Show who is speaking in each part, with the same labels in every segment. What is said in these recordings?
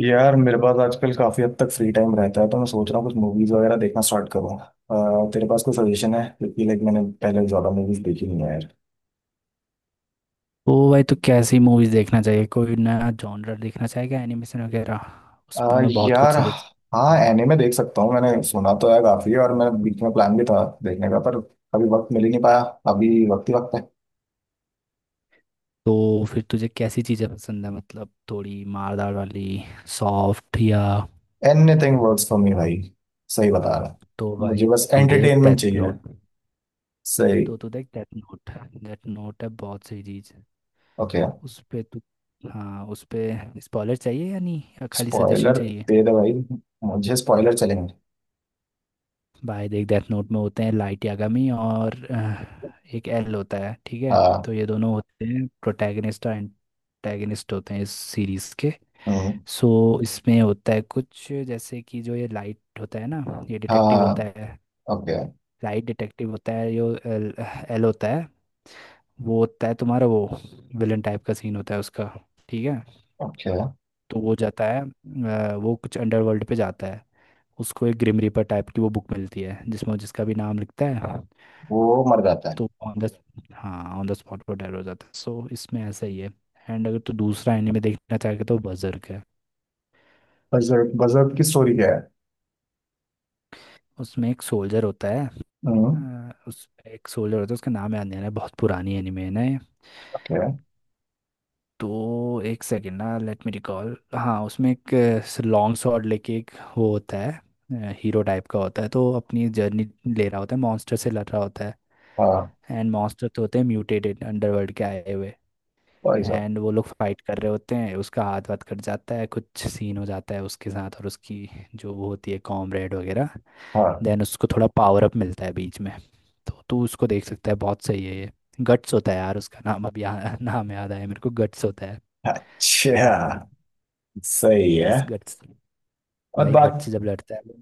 Speaker 1: यार, मेरे पास आजकल काफी हद तक फ्री टाइम रहता है तो मैं सोच रहा हूँ कुछ मूवीज वगैरह देखना स्टार्ट करूँ। तेरे पास कोई सजेशन है क्योंकि लाइक मैंने पहले ज्यादा मूवीज देखी नहीं है यार।
Speaker 2: ओ भाई, तो कैसी मूवीज देखना चाहिए? कोई नया जॉनर देखना चाहेगा? एनिमेशन वगैरह? उस पे मैं बहुत कुछ
Speaker 1: यार,
Speaker 2: सजेस्ट।
Speaker 1: हाँ एनिमे देख सकता हूँ। मैंने सुना तो है काफी, और मेरा बीच में प्लान भी था देखने का, पर अभी वक्त मिल ही नहीं पाया। अभी वक्त ही वक्त है।
Speaker 2: तो फिर तुझे कैसी चीजें पसंद है? मतलब थोड़ी मारदार वाली, सॉफ्ट या?
Speaker 1: एनीथिंग वर्क्स फॉर मी भाई। सही बता रहा
Speaker 2: तो
Speaker 1: हूँ। मुझे
Speaker 2: भाई,
Speaker 1: बस
Speaker 2: तू देख
Speaker 1: एंटरटेनमेंट
Speaker 2: डेथ
Speaker 1: चाहिए।
Speaker 2: नोट।
Speaker 1: सही।
Speaker 2: तू देख डेथ नोट। डेथ नोट है बहुत सही चीज।
Speaker 1: ओके।
Speaker 2: उस पे तू, हाँ उस पे स्पॉइलर चाहिए या नहीं, या खाली सजेशन
Speaker 1: स्पॉइलर
Speaker 2: चाहिए?
Speaker 1: दे दे भाई। मुझे स्पॉइलर चलेंगे।
Speaker 2: भाई देख, डेथ नोट में होते हैं लाइट यागामी और एक एल होता है, ठीक है।
Speaker 1: हाँ।
Speaker 2: तो ये दोनों होते हैं प्रोटैगनिस्ट और एंटैगनिस्ट होते हैं इस सीरीज के।
Speaker 1: हम्म।
Speaker 2: सो इसमें होता है कुछ जैसे कि जो ये लाइट होता है ना, ये डिटेक्टिव
Speaker 1: हाँ।
Speaker 2: होता है।
Speaker 1: ओके।
Speaker 2: लाइट डिटेक्टिव होता है, जो एल होता है, वो होता है तुम्हारा वो विलन टाइप का सीन होता है उसका, ठीक है।
Speaker 1: ओके।
Speaker 2: तो वो जाता है, वो कुछ अंडरवर्ल्ड पे जाता है। उसको एक ग्रिम रीपर टाइप की वो बुक मिलती है, जिसमें जिसका भी नाम लिखता है
Speaker 1: वो मर जाता है।
Speaker 2: तो ऑन द, हाँ ऑन द स्पॉट वो डर हो जाता है। सो इसमें ऐसा ही है। एंड अगर तू दूसरा एनिमे देखना चाहे तो बजर्क है।
Speaker 1: बजर्क। बजर्क की स्टोरी क्या है?
Speaker 2: उसमें एक सोल्जर होता है।
Speaker 1: हम्म।
Speaker 2: उस एक सोल्जर होता है, उसका नाम याद नहीं आ रहा है, बहुत पुरानी एनिमे है ना ये।
Speaker 1: ओके।
Speaker 2: तो एक सेकेंड ना, लेट मी रिकॉल। हाँ, उसमें एक लॉन्ग शॉट लेके एक वो होता है, हीरो टाइप का होता है। तो अपनी जर्नी ले रहा होता है, मॉन्स्टर से लड़ रहा होता है।
Speaker 1: हाँ।
Speaker 2: एंड मॉन्स्टर तो होते हैं म्यूटेटेड, अंडरवर्ल्ड के आए हुए।
Speaker 1: भाई साहब।
Speaker 2: एंड वो लोग फाइट कर रहे होते हैं, उसका हाथ वाथ कट जाता है, कुछ सीन हो जाता है उसके साथ, और उसकी जो वो होती है कॉमरेड वगैरह।
Speaker 1: हाँ।
Speaker 2: देन उसको थोड़ा पावर अप मिलता है बीच में, तो तू उसको देख सकता है, बहुत सही है ये। गट्स होता है यार, उसका नाम, अब यहाँ नाम याद आया मेरे को, गट्स होता है।
Speaker 1: अच्छा। सही है।
Speaker 2: Yes, guts.
Speaker 1: और
Speaker 2: भाई
Speaker 1: बात?
Speaker 2: गट्स जब लड़ता है वो,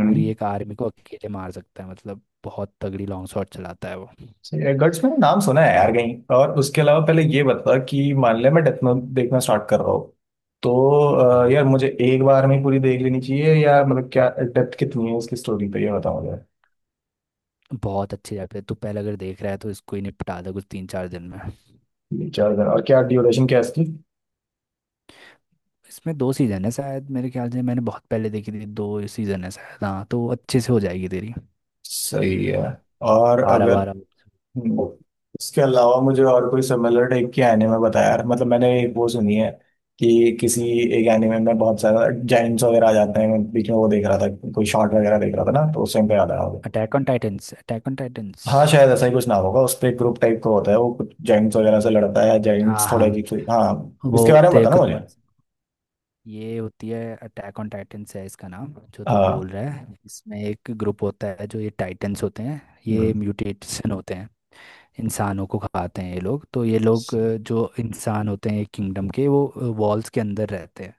Speaker 2: पूरी एक आर्मी को अकेले मार सकता है। मतलब बहुत तगड़ी लॉन्ग शॉट चलाता है वो।
Speaker 1: सही है। गट्स मैंने नाम सुना है यार कहीं, और उसके अलावा पहले ये बता कि मान ले मैं डेथ नोट देखना स्टार्ट कर रहा हूँ तो।
Speaker 2: हाँ,
Speaker 1: यार, मुझे एक बार में पूरी देख लेनी चाहिए या मतलब क्या, डेप्थ कितनी है उसकी स्टोरी पे, ये बताओ मुझे।
Speaker 2: बहुत अच्छी जाती है। तू पहले अगर देख रहा है तो इसको ही निपटा दे, कुछ तीन चार दिन में।
Speaker 1: ये चार दिन? और क्या ड्यूरेशन क्या है इसकी?
Speaker 2: इसमें दो सीजन है शायद, मेरे ख्याल से मैंने बहुत पहले देखी थी। दो सीजन है शायद, हाँ। तो अच्छे से हो जाएगी तेरी।
Speaker 1: सही है। और
Speaker 2: बारह
Speaker 1: अगर।
Speaker 2: बारह।
Speaker 1: हम्म। उसके अलावा मुझे और कोई सिमिलर टाइप के एनिमे बताया यार, मतलब मैंने एक वो सुनी है कि किसी एक एनिमे में बहुत सारा जाइंट्स वगैरह आ जाते हैं, मैं बीच में वो देख रहा था, कोई शॉर्ट वगैरह देख रहा था ना, तो उस टाइम पे याद आया होगा।
Speaker 2: Attack on titans, attack on titans.
Speaker 1: हाँ शायद ऐसा ही कुछ नाम होगा, उस पे ग्रुप टाइप का होता है वो, कुछ जाइंट्स वगैरह से लड़ता है,
Speaker 2: हाँ
Speaker 1: जाइंट्स
Speaker 2: हाँ,
Speaker 1: थोड़े अजीब से। हाँ,
Speaker 2: वो
Speaker 1: इसके बारे में
Speaker 2: होते हैं
Speaker 1: बताना
Speaker 2: खुद
Speaker 1: मुझे।
Speaker 2: मर्ज। ये होती है, अटैक ऑन टाइटंस है इसका नाम जो तू बोल
Speaker 1: हाँ।
Speaker 2: रहा है। इसमें एक ग्रुप होता है जो ये टाइटंस होते हैं, ये
Speaker 1: हम्म।
Speaker 2: म्यूटेशन होते हैं। इंसानों को खाते हैं ये लोग। तो ये लोग, जो इंसान होते हैं किंगडम के, वो वॉल्स के अंदर रहते हैं।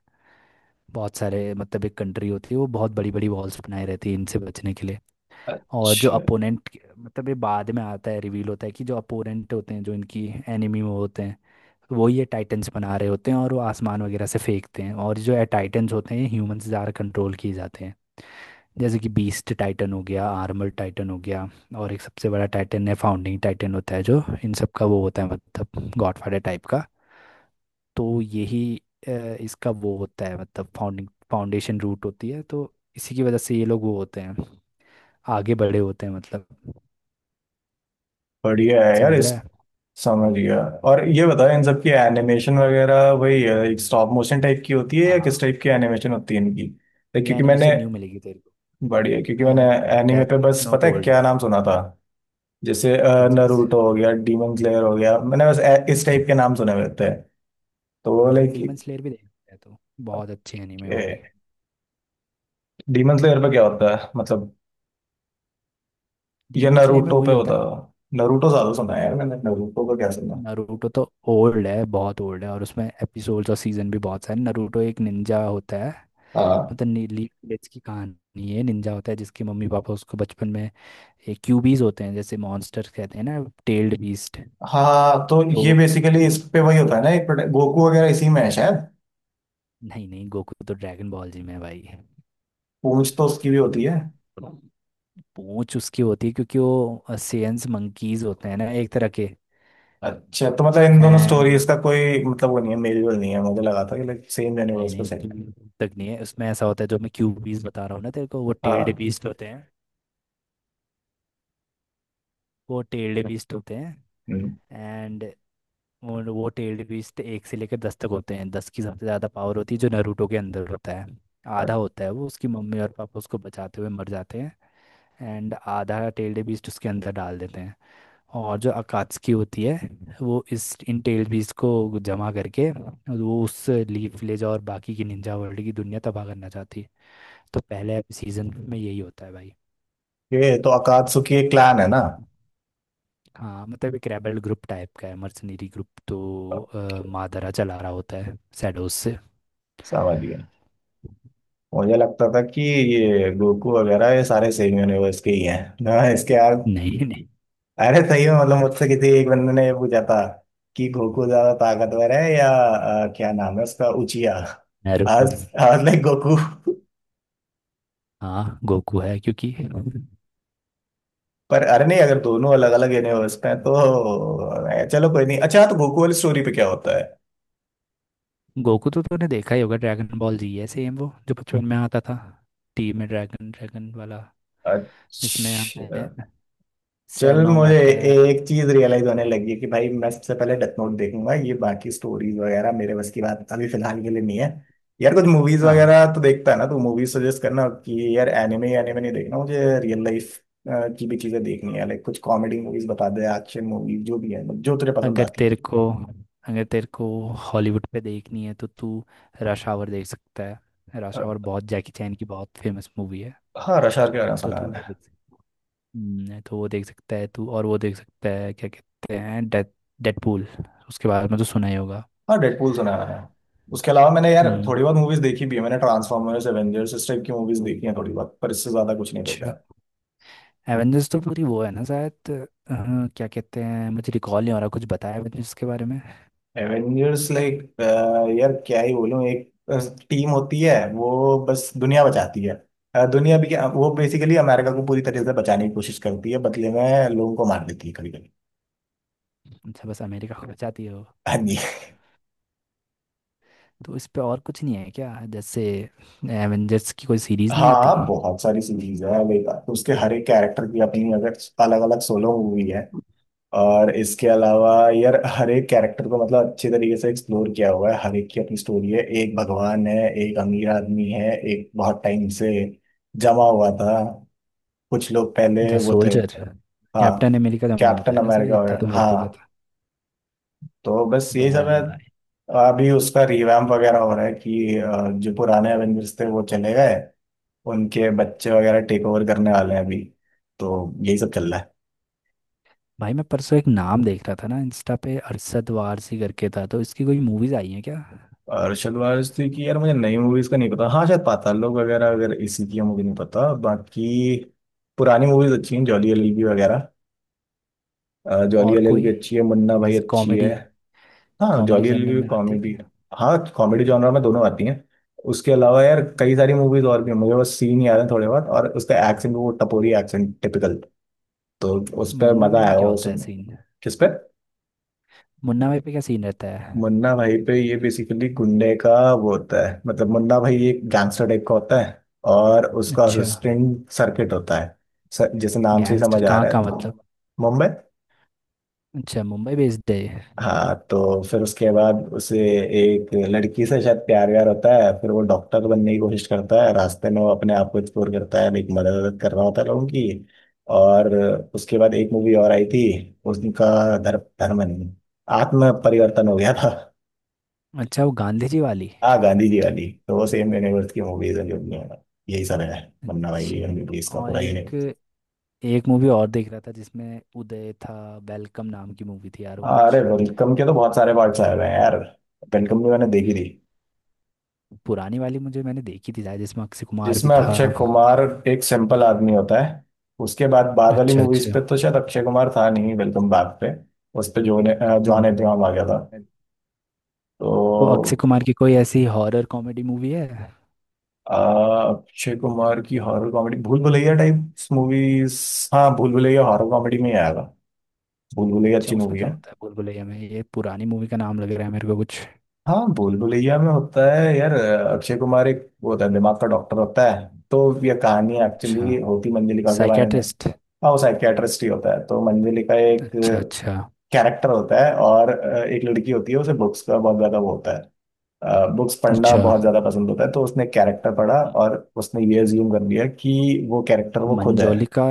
Speaker 2: बहुत सारे, मतलब एक कंट्री होती है, वो बहुत बड़ी बड़ी वॉल्स बनाए रहती है इनसे बचने के लिए। और जो
Speaker 1: अच्छा।
Speaker 2: अपोनेंट, मतलब ये बाद में आता है, रिवील होता है कि जो अपोनेंट होते हैं, जो इनकी एनिमी वो होते हैं, वो ये टाइटन्स बना रहे होते हैं। और वो आसमान वगैरह से फेंकते हैं, और जो टाइटन्स होते हैं ये ह्यूमन से ज़्यादा कंट्रोल किए जाते हैं। जैसे कि बीस्ट टाइटन हो गया, आर्मर टाइटन हो गया। और एक सबसे बड़ा टाइटन है, फाउंडिंग टाइटन होता है, जो इन सब का वो होता है, मतलब गॉडफादर टाइप का। तो यही अ, इसका वो होता है, मतलब फाउंडिंग फाउंडेशन रूट होती है। तो इसी की वजह से ये लोग वो होते हैं, आगे बड़े होते हैं, मतलब
Speaker 1: बढ़िया है यार
Speaker 2: समझ
Speaker 1: इस।
Speaker 2: रहा है।
Speaker 1: समझ गया। और ये बताओ, इन सब की एनिमेशन वगैरह वही है, एक स्टॉप मोशन टाइप की होती है या किस
Speaker 2: हाँ,
Speaker 1: टाइप की एनिमेशन होती है इनकी लाइक,
Speaker 2: ये
Speaker 1: क्योंकि मैंने।
Speaker 2: एनिमेशन न्यू मिलेगी तेरे
Speaker 1: बढ़िया, क्योंकि मैंने
Speaker 2: को।
Speaker 1: एनिमे
Speaker 2: डेथ
Speaker 1: पे बस
Speaker 2: नोट
Speaker 1: पता है
Speaker 2: ओल्ड
Speaker 1: क्या
Speaker 2: है,
Speaker 1: नाम सुना था, जैसे
Speaker 2: क्या चीज़ है।
Speaker 1: नरूटो हो गया, डीमन स्लेयर हो गया, मैंने बस इस टाइप के नाम सुने हुए होते हैं, तो वो
Speaker 2: हाँ हाँ,
Speaker 1: लाइक।
Speaker 2: डीमन स्लेयर भी देख सकते हैं तो, बहुत अच्छी एनीमे है वो भी।
Speaker 1: डीमन स्लेयर पे क्या होता है मतलब? ये
Speaker 2: डीमन स्लेयर में
Speaker 1: नरूटो पे
Speaker 2: वही होता
Speaker 1: होता
Speaker 2: है।
Speaker 1: है? नरूटो ज्यादा सुना है यार मैंने, नरूटो का क्या सुना।
Speaker 2: नारुतो तो ओल्ड है, बहुत ओल्ड है, और उसमें एपिसोड्स और सीजन भी बहुत सारे। नारुतो एक निंजा होता है,
Speaker 1: हाँ।
Speaker 2: मतलब नीली विलेज की कहानी है। निंजा होता है जिसके मम्मी पापा उसको बचपन में, एक क्यूबीज होते हैं जैसे मॉन्स्टर कहते हैं ना, टेल्ड बीस्ट।
Speaker 1: हाँ, तो
Speaker 2: तो
Speaker 1: ये बेसिकली इस पे
Speaker 2: नहीं
Speaker 1: वही होता है ना, एक गोकू वगैरह इसी में है शायद।
Speaker 2: नहीं, गोकू तो ड्रैगन बॉल जी में है भाई।
Speaker 1: पूंछ तो उसकी भी होती है।
Speaker 2: पूंछ उसकी होती है क्योंकि वो सेंस मंकीज होते हैं ना एक तरह के।
Speaker 1: अच्छा, तो मतलब इन दोनों स्टोरीज
Speaker 2: एंड
Speaker 1: का कोई मतलब वो नहीं है, मेल जोल नहीं है, मुझे लगा था कि लाइक सेम
Speaker 2: नहीं
Speaker 1: यूनिवर्स पे
Speaker 2: नहीं,
Speaker 1: सेम।
Speaker 2: दूर तक नहीं है। उसमें ऐसा होता है, जो मैं क्यूबीज बता रहा हूँ ना तेरे को, वो टेल्ड
Speaker 1: हाँ।
Speaker 2: बीस्ट होते हैं। वो टेल्ड बीस्ट होते हैं
Speaker 1: हम्म।
Speaker 2: एंड और वो टेल्ड बीस्ट एक से लेकर दस तक होते हैं, दस की सबसे ज़्यादा पावर होती है, जो नारुतो के अंदर होता है आधा होता है वो। उसकी मम्मी और पापा उसको बचाते हुए मर जाते हैं, एंड आधा टेल्ड बीस्ट उसके अंदर डाल देते हैं। और जो अकात्सुकी होती है, वो इस इन टेल्ड बीस्ट को जमा करके, वो उस लीफ विलेज और बाकी की निंजा वर्ल्ड की दुनिया तबाह करना चाहती है। तो पहले सीजन में यही होता है भाई।
Speaker 1: ओके, तो अकात्सुकी एक क्लैन है ना?
Speaker 2: हाँ, मतलब एक रेबल ग्रुप टाइप का है, मर्सनरी ग्रुप। तो
Speaker 1: ओके,
Speaker 2: मादारा चला रहा होता है शैडोज से।
Speaker 1: समझ गया। मुझे लगता था कि ये गोकू वगैरह ये सारे सेम यूनिवर्स के ही हैं ना इसके यार।
Speaker 2: नहीं नहीं,
Speaker 1: अरे सही में मतलब मुझसे किसी एक बंदे ने ये पूछा था कि गोकू ज्यादा ताकतवर है या क्या नाम है उसका, उचिया
Speaker 2: नारुतो।
Speaker 1: आज। आज लाइक गोकू,
Speaker 2: हाँ गोकू है, क्योंकि
Speaker 1: पर अरे नहीं, अगर दोनों अलग अलग यूनिवर्स में हैं, तो चलो कोई नहीं। अच्छा, तो गोकू वाली स्टोरी पे क्या होता है?
Speaker 2: गोकू तो तूने देखा ही होगा। ड्रैगन बॉल जी है, सेम वो जो बचपन में आता था टीवी में, ड्रैगन ड्रैगन वाला, जिसमें
Speaker 1: अच्छा।
Speaker 2: हमें
Speaker 1: चल,
Speaker 2: सैलॉन्ग
Speaker 1: मुझे
Speaker 2: आता है।
Speaker 1: एक चीज रियलाइज होने लगी है कि भाई मैं सबसे पहले डेथ नोट देखूंगा, ये बाकी स्टोरीज वगैरह मेरे बस की बात अभी फिलहाल के लिए नहीं है। यार कुछ मूवीज वगैरह
Speaker 2: हाँ,
Speaker 1: तो देखता है ना, तो मूवीज सजेस्ट करना कि यार एनिमे एनिमे नहीं देखना मुझे, रियल लाइफ की भी चीजें देखनी है, लाइक कुछ कॉमेडी मूवीज बता दे, एक्शन मूवीज जो भी है, मतलब जो तुझे पसंद
Speaker 2: अगर
Speaker 1: आती।
Speaker 2: तेरे को, अगर तेरे को हॉलीवुड पे देखनी है तो तू रश आवर देख सकता है। रश
Speaker 1: अ,
Speaker 2: आवर, बहुत जैकी चैन की बहुत फेमस मूवी है।
Speaker 1: हाँ, रशार के गाना
Speaker 2: तो
Speaker 1: सुना
Speaker 2: तू वो
Speaker 1: है।
Speaker 2: देख सकता, तो वो देख सकता है तू। और वो देख सकता है क्या कहते हैं, डेथ, डेडपूल। उसके बारे में तो सुना ही होगा।
Speaker 1: हाँ, डेडपूल सुना है। उसके अलावा मैंने यार
Speaker 2: हम्म।
Speaker 1: थोड़ी बहुत मूवीज देखी भी है, मैंने ट्रांसफॉर्मर्स, एवेंजर्स इस टाइप की मूवीज देखी हैं थोड़ी बहुत, पर इससे ज्यादा कुछ नहीं
Speaker 2: अच्छा,
Speaker 1: देखा।
Speaker 2: एवेंजर्स तो पूरी वो है ना शायद, क्या कहते हैं, मुझे रिकॉल नहीं हो रहा। कुछ बताया एवेंजर्स के बारे में।
Speaker 1: एवेंजर्स लाइक, यार क्या ही बोलूं, एक टीम होती है वो, बस दुनिया बचाती है। दुनिया भी क्या, वो बेसिकली अमेरिका को पूरी तरीके से बचाने की कोशिश करती है, बदले में लोगों को मार देती है कभी कभी।
Speaker 2: अच्छा, बस अमेरिका को बचाती है वो?
Speaker 1: हाँ जी।
Speaker 2: तो इस पे और कुछ नहीं है क्या? जैसे एवेंजर्स की कोई सीरीज नहीं
Speaker 1: हाँ,
Speaker 2: आती?
Speaker 1: बहुत सारी सीरीज है, लाइक उसके हर एक कैरेक्टर की अपनी अगर अलग अलग सोलो मूवी है। और इसके अलावा यार हर एक कैरेक्टर को मतलब अच्छे तरीके से एक्सप्लोर किया हुआ है, हर एक की अपनी स्टोरी है, एक भगवान है, एक अमीर आदमी है, एक बहुत टाइम से जमा हुआ था, कुछ लोग पहले
Speaker 2: द
Speaker 1: वो थे।
Speaker 2: सोल्जर,
Speaker 1: हाँ,
Speaker 2: कैप्टन अमेरिका का नाम होता
Speaker 1: कैप्टन
Speaker 2: है ना शायद,
Speaker 1: अमेरिका
Speaker 2: इतना
Speaker 1: वगैरह,
Speaker 2: तो मेरे को भी
Speaker 1: हाँ।
Speaker 2: पता।
Speaker 1: तो बस यही सब है।
Speaker 2: डैम।
Speaker 1: अभी उसका रिवैम्प वगैरह हो रहा है कि जो पुराने एवेंजर्स थे वो चले गए, उनके बच्चे वगैरह टेक ओवर करने वाले हैं अभी। तो यही सब चल रहा है।
Speaker 2: भाई मैं परसों एक नाम देख रहा था ना इंस्टा पे, अरशद वारसी करके था, तो इसकी कोई मूवीज आई हैं क्या?
Speaker 1: और शलवार स्त्री की, यार मुझे नई मूवीज का नहीं पता। हाँ शायद पाताल लोक वगैरह अगर इसी की है, मुझे नहीं पता। बाकी पुरानी मूवीज अच्छी हैं, जॉली एलएलबी वगैरह। जॉली
Speaker 2: और कोई
Speaker 1: एलएलबी अच्छी है, मुन्ना भाई
Speaker 2: जैसे
Speaker 1: अच्छी है।
Speaker 2: कॉमेडी,
Speaker 1: हाँ,
Speaker 2: कॉमेडी
Speaker 1: जॉली एल
Speaker 2: जॉनर
Speaker 1: भी
Speaker 2: में आती है
Speaker 1: कॉमेडी।
Speaker 2: क्या?
Speaker 1: हाँ, कॉमेडी जॉनर में दोनों आती हैं। उसके अलावा यार कई सारी मूवीज और भी हैं, मुझे बस सीन याद है थोड़े बहुत, और उसका एक्सेंट, वो टपोरी एक्सेंट टिपिकल, तो उस पर
Speaker 2: मुन्ना
Speaker 1: मजा
Speaker 2: भाई में
Speaker 1: आया
Speaker 2: क्या
Speaker 1: वो
Speaker 2: होता है
Speaker 1: सुनने।
Speaker 2: सीन?
Speaker 1: किस पे?
Speaker 2: मुन्ना भाई पे क्या सीन रहता है?
Speaker 1: मुन्ना भाई पे ये बेसिकली गुंडे का वो होता है मतलब, मुन्ना भाई एक गैंगस्टर टाइप का होता है, और उसका
Speaker 2: अच्छा,
Speaker 1: असिस्टेंट सर्किट होता है। सर, जैसे नाम से ही
Speaker 2: गैंगस्टर
Speaker 1: समझ आ
Speaker 2: कहाँ
Speaker 1: रहा है
Speaker 2: का
Speaker 1: तो।
Speaker 2: मतलब?
Speaker 1: मुंबई।
Speaker 2: अच्छा, मुंबई बेस्ड है ये।
Speaker 1: हाँ, तो फिर उसके बाद उसे एक लड़की से शायद प्यार व्यार होता है, फिर वो डॉक्टर बनने की कोशिश करता है, रास्ते में वो अपने आप को एक्सप्लोर करता है, एक मदद वदद कर रहा होता है लोगों की। और उसके बाद एक मूवी और आई थी, उनका धर्म, धर्म नहीं, आत्म परिवर्तन हो गया था।
Speaker 2: अच्छा, वो गांधी जी वाली।
Speaker 1: आ गांधी जी वाली, तो वो सेम यूनिवर्स की मूवीज है जो भी हैं। यही सब है। मन्ना भाई
Speaker 2: अच्छा।
Speaker 1: एमबीबीएस का
Speaker 2: और
Speaker 1: पूरा
Speaker 2: एक,
Speaker 1: यूनिवर्स।
Speaker 2: एक मूवी और देख रहा था जिसमें उदय था, वेलकम नाम की मूवी थी यार, वो
Speaker 1: अरे
Speaker 2: कुछ
Speaker 1: वेलकम के तो बहुत सारे पार्ट्स आए हुए हैं यार। वेलकम भी मैंने देखी थी।
Speaker 2: पुरानी वाली मुझे, मैंने देखी थी शायद जिसमें अक्षय कुमार भी
Speaker 1: जिसमें
Speaker 2: था।
Speaker 1: अक्षय कुमार एक सिंपल आदमी होता है। उसके बाद बाद वाली
Speaker 2: अच्छा
Speaker 1: मूवीज
Speaker 2: अच्छा।
Speaker 1: पे तो शायद अक्षय कुमार था नहीं, वेलकम बैक पे। उस पे जॉन
Speaker 2: हम्म।
Speaker 1: अब्राहम आ गया था।
Speaker 2: है। तो अक्षय
Speaker 1: तो
Speaker 2: कुमार की कोई ऐसी हॉरर कॉमेडी मूवी है?
Speaker 1: अक्षय कुमार की horror comedy Bhool Bhulaiyaa type movies. हाँ, भूल भुलैया हॉरर कॉमेडी में ही आएगा। भूल भुलैया
Speaker 2: अच्छा,
Speaker 1: अच्छी
Speaker 2: उसमें
Speaker 1: मूवी
Speaker 2: क्या
Speaker 1: है।
Speaker 2: होता है भूलभुलैया में? ये पुरानी मूवी का नाम लग रहा है मेरे को कुछ।
Speaker 1: हाँ, भूल भुलैया में होता है यार, अक्षय कुमार एक वो होता है, दिमाग का डॉक्टर होता है, तो ये कहानी
Speaker 2: अच्छा,
Speaker 1: एक्चुअली होती मंजलिका के बारे में।
Speaker 2: साइकेट्रिस्ट?
Speaker 1: हाँ, वो साइकियाट्रिस्ट ही होता है, तो मंजलिका एक
Speaker 2: अच्छा अच्छा।
Speaker 1: कैरेक्टर होता है, और एक लड़की होती है, उसे बुक्स का बहुत ज्यादा वो होता है, बुक्स पढ़ना
Speaker 2: अच्छा।
Speaker 1: बहुत ज्यादा पसंद होता है, तो उसने कैरेक्टर पढ़ा
Speaker 2: म-
Speaker 1: और उसने ये अज्यूम कर लिया कि वो कैरेक्टर वो खुद है।
Speaker 2: मंजोलिका।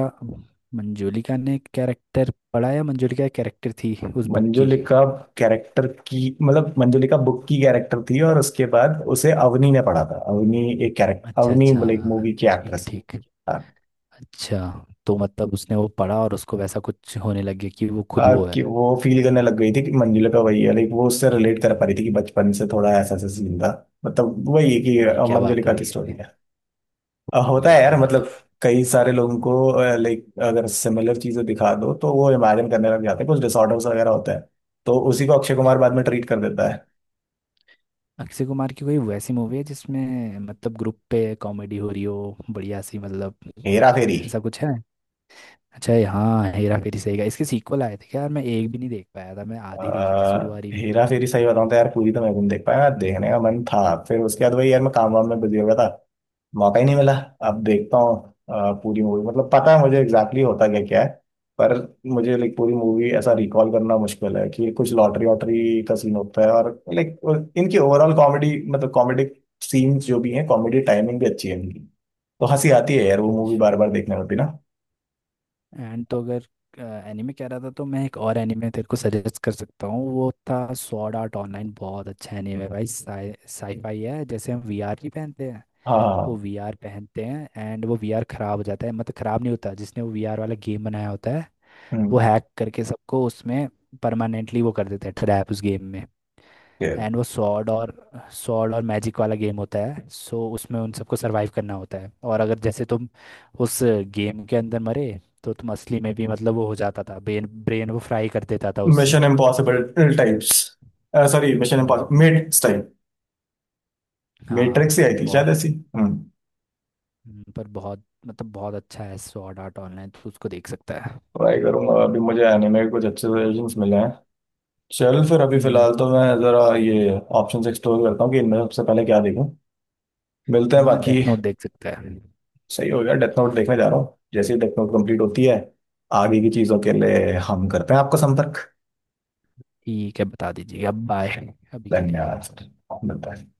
Speaker 2: मंजोलिका ने कैरेक्टर पढ़ा या मंजोलिका एक कैरेक्टर थी उस बुक की?
Speaker 1: मंजुलिका कैरेक्टर की मतलब, मंजुलिका बुक की कैरेक्टर थी, और उसके बाद उसे अवनी ने पढ़ा था, अवनी एक कैरेक्टर,
Speaker 2: अच्छा
Speaker 1: अवनी
Speaker 2: अच्छा
Speaker 1: मतलब एक
Speaker 2: हाँ,
Speaker 1: मूवी की
Speaker 2: ठीक
Speaker 1: एक्ट्रेस।
Speaker 2: ठीक। अच्छा, तो मतलब उसने वो पढ़ा और उसको वैसा कुछ होने लग गया कि वो खुद वो
Speaker 1: कि
Speaker 2: है?
Speaker 1: वो फील करने लग गई थी कि मंजुला का वही है, लाइक वो उससे रिलेट कर पा रही थी कि बचपन से थोड़ा ऐसा ऐसा सीन था, मतलब वही है कि
Speaker 2: ये क्या बात
Speaker 1: मंजुलिका
Speaker 2: हुई?
Speaker 1: की स्टोरी है। होता
Speaker 2: ये
Speaker 1: है
Speaker 2: क्या
Speaker 1: यार
Speaker 2: बात?
Speaker 1: मतलब, कई सारे लोगों को, लाइक अगर सिमिलर चीजें दिखा दो तो वो इमेजिन करने लग जाते हैं, कुछ डिसऑर्डर्स वगैरह होता है, तो उसी को अक्षय कुमार बाद में ट्रीट कर देता है।
Speaker 2: अक्षय कुमार की कोई वैसी मूवी है जिसमें मतलब ग्रुप पे कॉमेडी हो रही हो, बढ़िया सी, मतलब
Speaker 1: हेरा फेरी।
Speaker 2: ऐसा कुछ है? अच्छा, ये हाँ हेरा फेरी, सही का। इसके सीक्वल आए थे क्या यार? मैं एक भी नहीं देख पाया था, मैं आधी देखी थी शुरुआरी भी।
Speaker 1: हेरा फेरी सही बताऊं तो यार पूरी तो मैं भी नहीं देख पाया, देखने का मन था, फिर उसके बाद वही यार मैं काम वाम में बिजी हो गया था, मौका ही नहीं मिला। अब देखता हूँ। पूरी मूवी मतलब पता है मुझे एग्जैक्टली होता क्या क्या है, पर मुझे लाइक पूरी मूवी ऐसा रिकॉल करना मुश्किल है कि कुछ लॉटरी वॉटरी का सीन होता है, और लाइक इनकी ओवरऑल कॉमेडी मतलब कॉमेडी सीन्स जो भी हैं, कॉमेडी टाइमिंग भी अच्छी है इनकी, तो हंसी आती है यार वो मूवी
Speaker 2: अच्छा।
Speaker 1: बार बार देखने में भी ना।
Speaker 2: एंड, तो अगर एनिमे कह रहा था तो मैं एक और एनिमे तेरे को सजेस्ट कर सकता हूँ। वो था सॉर्ड आर्ट ऑनलाइन, बहुत अच्छा एनिमे भाई। साईफाई है, जैसे हम वीआर नहीं पहनते हैं,
Speaker 1: हाँ, हाँ,
Speaker 2: वो
Speaker 1: हाँ।
Speaker 2: वीआर पहनते हैं। एंड वो वीआर खराब हो जाता है, मतलब खराब नहीं होता, जिसने वो वीआर वाला गेम बनाया होता है वो
Speaker 1: हम्म।
Speaker 2: हैक करके सबको उसमें परमानेंटली वो कर देते हैं, ट्रैप उस गेम में। एंड वो सॉर्ड और मैजिक वाला गेम होता है। सो उसमें उन सबको सरवाइव करना होता है, और अगर जैसे तुम उस गेम के अंदर मरे, तो तुम असली में भी, मतलब वो हो जाता था, ब्रेन ब्रेन वो फ्राई कर देता था उससे।
Speaker 1: Mission impossible types, sorry, mission impossible
Speaker 2: हाँ,
Speaker 1: मेट्स टाइप।
Speaker 2: हाँ
Speaker 1: मेट्रिक्स ही आई
Speaker 2: मतलब
Speaker 1: थी शायद
Speaker 2: बहुत,
Speaker 1: ऐसी। हम्म।
Speaker 2: पर बहुत मतलब बहुत अच्छा है सॉर्ड आर्ट ऑनलाइन, तो उसको देख सकता है।
Speaker 1: ट्राई करूंगा, अभी मुझे एनिमे कुछ अच्छे सजेशंस मिले हैं। चल फिर, अभी
Speaker 2: हम्म।
Speaker 1: फिलहाल तो मैं जरा ये ऑप्शंस एक्सप्लोर करता हूँ कि इनमें सबसे पहले क्या देखूं। मिलते हैं
Speaker 2: हाँ,
Speaker 1: बाकी।
Speaker 2: डेथ नोट देख सकता है।
Speaker 1: सही हो गया, डेथ नोट देखने जा रहा हूँ। जैसे ही डेथ नोट कंप्लीट होती है, आगे की चीजों के लिए हम करते हैं आपका संपर्क।
Speaker 2: ठीक है, बता दीजिए। अब बाय, अभी के लिए।
Speaker 1: धन्यवाद सर। मिलता है।